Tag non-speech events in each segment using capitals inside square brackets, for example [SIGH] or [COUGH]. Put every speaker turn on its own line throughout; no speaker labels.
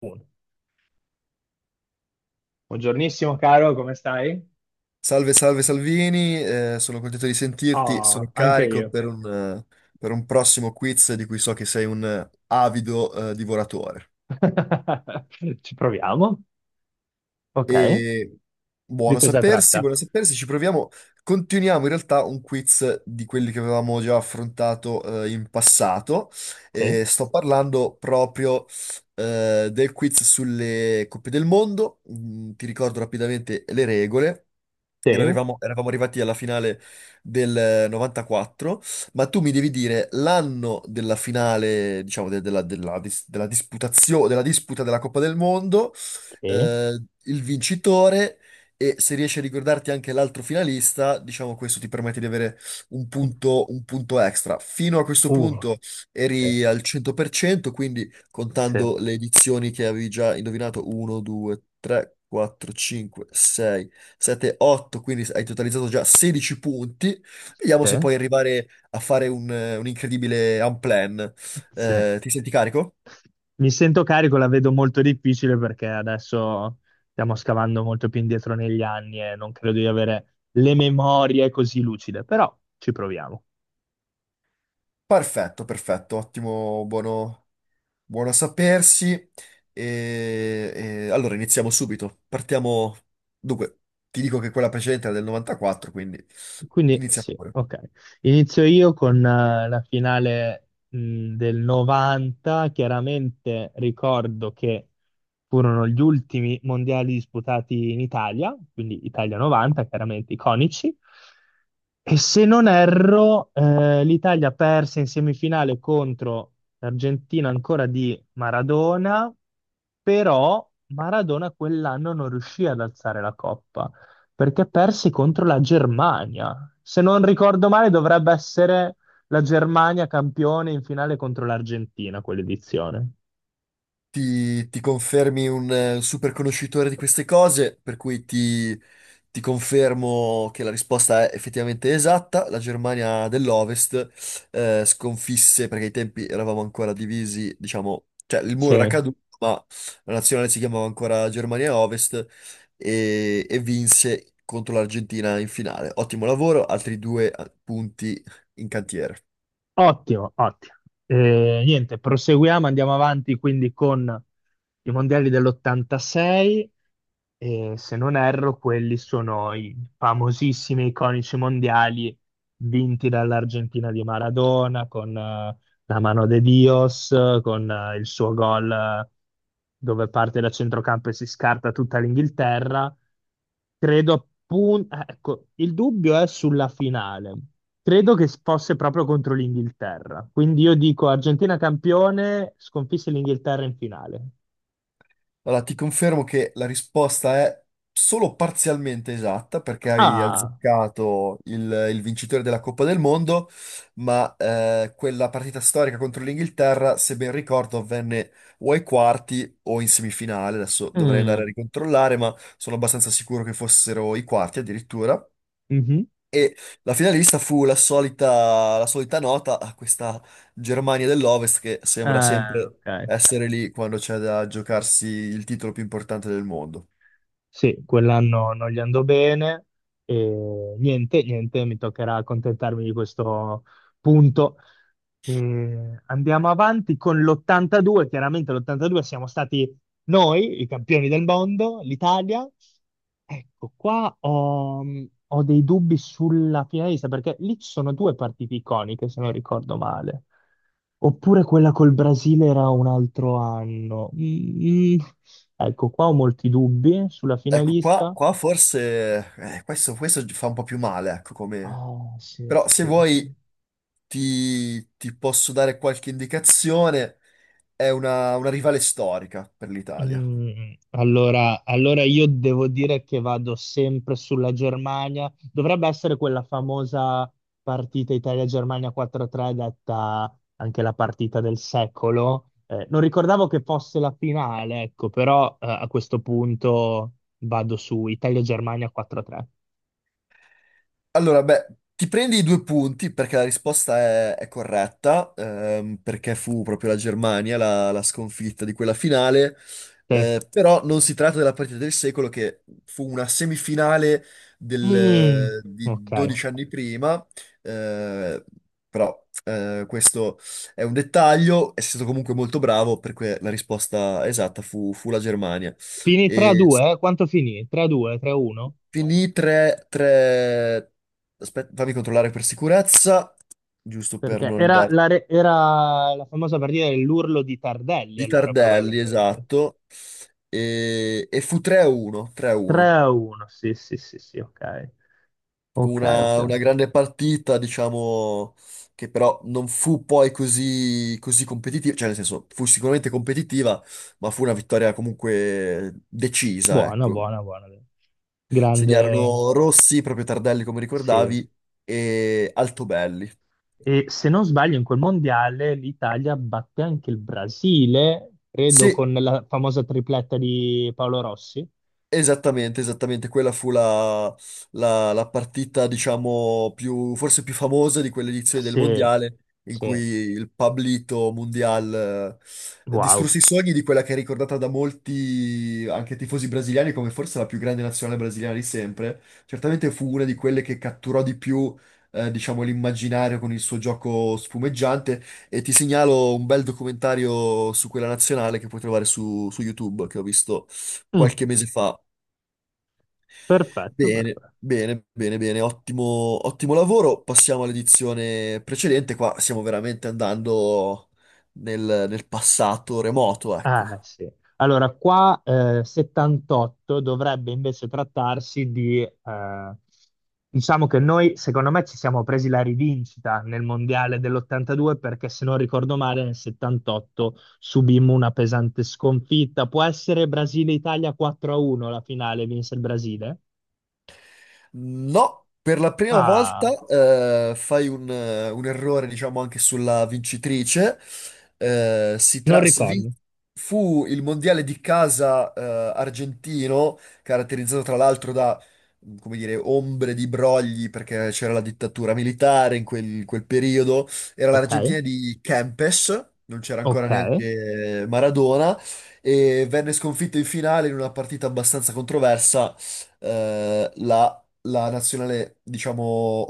Uno. Buongiornissimo caro, come stai?
Salve, salve Salvini, sono contento di sentirti,
Ah,
sono
anche
carico
io.
per un prossimo quiz di cui so che sei un avido, divoratore.
[LAUGHS] Ci proviamo. Ok.
E
Di cosa tratta?
buono sapersi, ci proviamo. Continuiamo in realtà un quiz di quelli che avevamo già affrontato in passato.
Sì,
Sto parlando proprio del quiz sulle coppe del mondo. Ti ricordo rapidamente le regole.
sì,
Eravamo arrivati alla finale del 94, ma tu mi devi dire l'anno della finale, diciamo, della disputa della Coppa del Mondo,
che,
il vincitore, e se riesci a ricordarti anche l'altro finalista, diciamo questo ti permette di avere un punto extra. Fino a questo
uh,
punto
sì,
eri al 100%, quindi
sì,
contando le edizioni che avevi già indovinato 1, 2, 3, 4, 5, 6, 7, 8, quindi hai totalizzato già 16 punti. Vediamo
sì,
se puoi arrivare a fare un incredibile unplan.
sì.
Ti senti carico?
Mi sento carico, la vedo molto difficile perché adesso stiamo scavando molto più indietro negli anni e non credo di avere le memorie così lucide, però ci proviamo.
Perfetto, perfetto, ottimo, buono. Buono a sapersi. Allora iniziamo subito. Partiamo. Dunque, ti dico che quella precedente era del 94, quindi
Quindi
inizia
sì,
pure.
ok. Inizio io con la finale del 90. Chiaramente ricordo che furono gli ultimi mondiali disputati in Italia, quindi Italia 90, chiaramente iconici. E se non erro, l'Italia perse in semifinale contro l'Argentina ancora di Maradona, però Maradona quell'anno non riuscì ad alzare la coppa perché persi contro la Germania. Se non ricordo male, dovrebbe essere la Germania campione in finale contro l'Argentina, quell'edizione.
Ti confermi un super conoscitore di queste cose, per cui ti confermo che la risposta è effettivamente esatta. La Germania dell'Ovest sconfisse, perché ai tempi eravamo ancora divisi, diciamo, cioè il
Sì.
muro era caduto, ma la nazionale si chiamava ancora Germania Ovest e vinse contro l'Argentina in finale. Ottimo lavoro, altri due punti in cantiere.
Ottimo, ottimo. Niente, proseguiamo, andiamo avanti quindi con i mondiali dell'86 e se non erro quelli sono i famosissimi, iconici mondiali vinti dall'Argentina di Maradona con la mano de Dios, con il suo gol dove parte da centrocampo e si scarta tutta l'Inghilterra. Credo appunto, ecco, il dubbio è sulla finale. Credo che fosse proprio contro l'Inghilterra. Quindi io dico Argentina campione, sconfisse l'Inghilterra in finale.
Allora, ti confermo che la risposta è solo parzialmente esatta perché hai
Ah,
azzeccato il vincitore della Coppa del Mondo, ma quella partita storica contro l'Inghilterra, se ben ricordo, avvenne o ai quarti o in semifinale. Adesso dovrei andare a
mm,
ricontrollare, ma sono abbastanza sicuro che fossero i quarti addirittura.
mhm.
E la finalista fu la solita nota a questa Germania dell'Ovest, che sembra sempre
Ok.
essere lì quando c'è da giocarsi il titolo più importante del mondo.
Sì, quell'anno non gli andò bene e niente, niente, mi toccherà accontentarmi di questo punto. E andiamo avanti con l'82, chiaramente l'82 siamo stati noi, i campioni del mondo, l'Italia. Ecco, qua ho dei dubbi sulla Pirelli, perché lì ci sono due partite iconiche, se non ricordo male. Oppure quella col Brasile era un altro anno. Mm, mm. Ecco, qua ho molti dubbi sulla
Ecco, qua,
finalista.
qua forse questo fa un po' più male, ecco, come.
Ah, sì,
Però se
sì, sì.
vuoi ti posso dare qualche indicazione, è una rivale storica per l'Italia.
Mm, allora io devo dire che vado sempre sulla Germania. Dovrebbe essere quella famosa partita Italia-Germania 4-3, detta anche la partita del secolo. Non ricordavo che fosse la finale, ecco, però a questo punto vado su Italia-Germania 4-3.
Allora, beh, ti prendi i due punti perché la risposta è corretta, perché fu proprio la Germania la sconfitta di quella finale,
Te?
però non si tratta della partita del secolo che fu una semifinale
Mm, ok.
di 12 anni prima, eh, però questo è un dettaglio, è stato comunque molto bravo perché la risposta esatta fu la Germania.
Finì
E
3-2, eh? Quanto finì? 3-2, 3-1?
finì 3, 3. Aspetta, fammi controllare per sicurezza, giusto per
Perché
non
era
dar...
la, re- era la famosa partita dell'urlo di Tardelli,
Di
allora,
Tardelli,
probabilmente.
esatto. E fu 3-1, 3-1.
3-1, sì, sì, sì, sì, ok.
Fu
Ok, ok.
una,
Ok.
una grande partita, diciamo, che però non fu poi così, così competitiva, cioè nel senso, fu sicuramente competitiva, ma fu una vittoria comunque decisa,
Buono,
ecco.
buono, buono. Grande,
Segnarono Rossi, proprio Tardelli come
sì.
ricordavi, e Altobelli.
E se non sbaglio, in quel mondiale l'Italia batte anche il Brasile, credo,
Sì,
con la famosa tripletta di Paolo Rossi.
esattamente, esattamente, quella fu la partita, diciamo, forse più famosa di quell'edizione del
Sì,
Mondiale, in cui
sì.
il Pablito Mundial
Wow.
distrusse i sogni di quella che è ricordata da molti, anche tifosi brasiliani, come forse la più grande nazionale brasiliana di sempre. Certamente fu una di quelle che catturò di più, diciamo, l'immaginario con il suo gioco sfumeggiante, e ti segnalo un bel documentario su quella nazionale che puoi trovare su YouTube, che ho visto
Mm,
qualche mese fa.
perfetto,
Bene,
perfetto.
bene, bene, bene, ottimo, ottimo lavoro. Passiamo all'edizione precedente. Qua stiamo veramente andando nel passato remoto, ecco.
Ah, sì. Allora, qua 78 dovrebbe invece trattarsi di, diciamo che noi, secondo me, ci siamo presi la rivincita nel mondiale dell'82 perché, se non ricordo male, nel 78 subimmo una pesante sconfitta. Può essere Brasile-Italia 4-1 la finale, vinse il Brasile?
No, per la prima volta
Ah,
fai un errore, diciamo, anche sulla vincitrice. Eh, si
non
tra- si vin-
ricordo.
Fu il mondiale di casa argentino, caratterizzato tra l'altro da, come dire, ombre di brogli, perché c'era la dittatura militare in quel periodo. Era
Ok,
l'Argentina di Kempes, non c'era
ok.
ancora neanche Maradona, e venne sconfitto in finale in una partita abbastanza controversa, eh, la la nazionale, diciamo,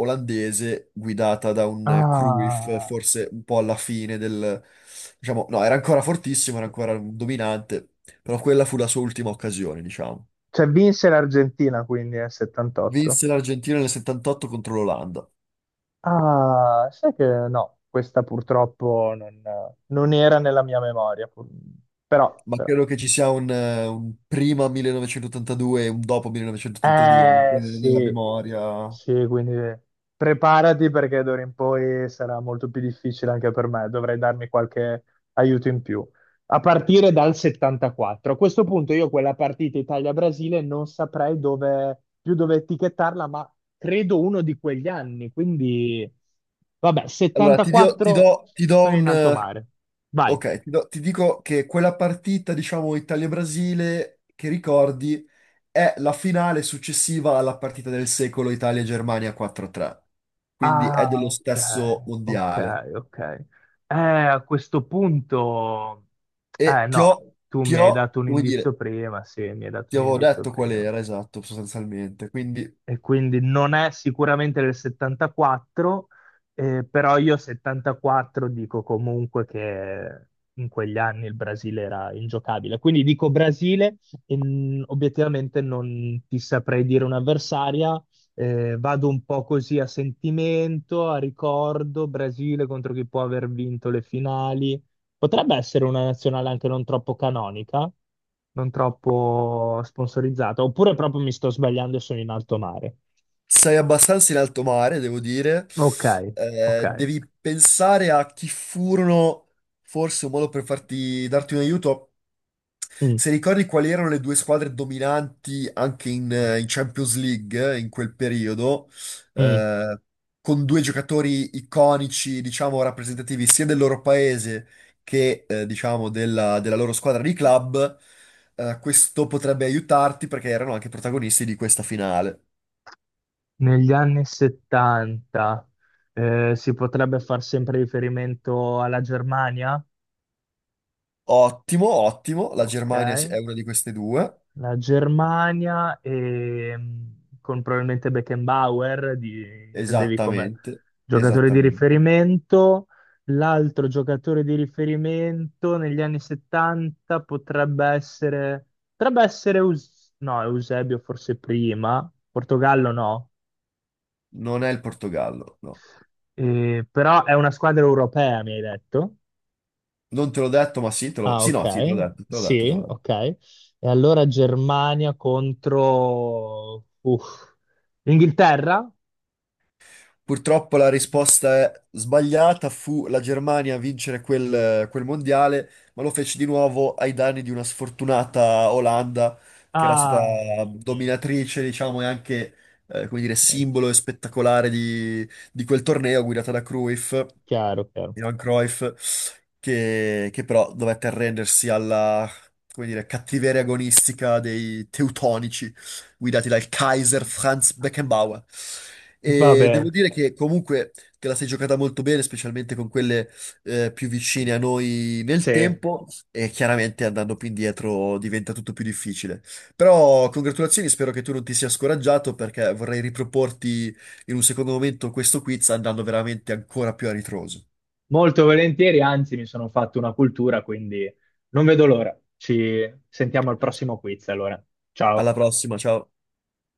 olandese guidata da un Cruyff,
Ah,
forse un po' diciamo, no, era ancora fortissimo, era ancora un dominante, però quella fu la sua ultima occasione, diciamo.
cioè vinse l'Argentina quindi nel 78.
Vinse l'Argentina nel 78 contro l'Olanda,
Ah, sai che no, questa purtroppo non era nella mia memoria, però,
ma
però.
credo che ci sia un prima 1982 e un dopo 1982 anche
Eh
nella
sì,
memoria.
sì, quindi preparati perché d'ora in poi sarà molto più difficile anche per me, dovrei darmi qualche aiuto in più. A partire dal 74. A questo punto io quella partita Italia-Brasile non saprei dove, più dove etichettarla, ma credo uno di quegli anni, quindi vabbè,
Allora,
74
ti do
sono
un,
in alto mare. Vai.
ok, ti dico che quella partita, diciamo, Italia-Brasile, che ricordi è la finale successiva alla partita del secolo Italia-Germania 4-3. Quindi è
Ah,
dello
ok,
stesso
ok,
mondiale.
ok. A questo punto,
E
eh no, tu mi hai dato un
come dire,
indizio prima, sì, mi hai dato
ti
un
avevo
indizio
detto qual
prima
era, esatto, sostanzialmente. Quindi
e quindi non è sicuramente del 74, però io 74 dico comunque che in quegli anni il Brasile era ingiocabile. Quindi dico Brasile e obiettivamente non ti saprei dire un'avversaria. Vado un po' così a sentimento, a ricordo, Brasile contro chi può aver vinto le finali. Potrebbe essere una nazionale anche non troppo canonica, non troppo sponsorizzata, oppure proprio mi sto sbagliando e sono in alto mare.
sei abbastanza in alto mare, devo dire.
Ok, ok.
Devi pensare a chi furono, forse un modo per darti un aiuto.
Mm,
Se ricordi quali erano le due squadre dominanti anche in Champions League in quel periodo,
mm.
eh, con due giocatori iconici, diciamo, rappresentativi sia del loro paese che, diciamo, della loro squadra di club, questo potrebbe aiutarti perché erano anche protagonisti di questa finale.
Negli anni 70 si potrebbe far sempre riferimento alla Germania?
Ottimo, ottimo, la
Ok.
Germania è una di queste due,
La Germania e, con probabilmente Beckenbauer, intendevi come
esattamente,
giocatore di
esattamente.
riferimento. L'altro giocatore di riferimento negli anni 70 potrebbe essere no, Eusebio forse prima, Portogallo no,
Non è il Portogallo, no.
Però è una squadra europea, mi hai detto.
Non te l'ho detto, ma sì, te l'ho.
Ah,
Sì,
ok,
no, sì, te l'ho detto, te l'ho detto, te l'ho
sì,
detto.
ok. E allora Germania contro uff, Inghilterra?
Purtroppo la risposta è sbagliata, fu la Germania a vincere quel mondiale, ma lo fece di nuovo ai danni di una sfortunata Olanda, che era stata
Ah, niente,
dominatrice, diciamo, e anche, come dire,
niente.
simbolo e spettacolare di quel torneo, guidata da Cruyff.
Chiaro, chiaro.
Johan Cruyff, che però dovette arrendersi alla, come dire, cattiveria agonistica dei teutonici guidati dal Kaiser Franz Beckenbauer.
Va
E devo
bene,
dire che comunque te la sei giocata molto bene, specialmente con quelle più vicine a noi nel
sì,
tempo, e chiaramente andando più indietro diventa tutto più difficile. Però congratulazioni, spero che tu non ti sia scoraggiato perché vorrei riproporti in un secondo momento questo quiz andando veramente ancora più a ritroso.
molto volentieri, anzi mi sono fatto una cultura, quindi non vedo l'ora. Ci sentiamo al prossimo quiz, allora.
Alla
Ciao.
prossima, ciao.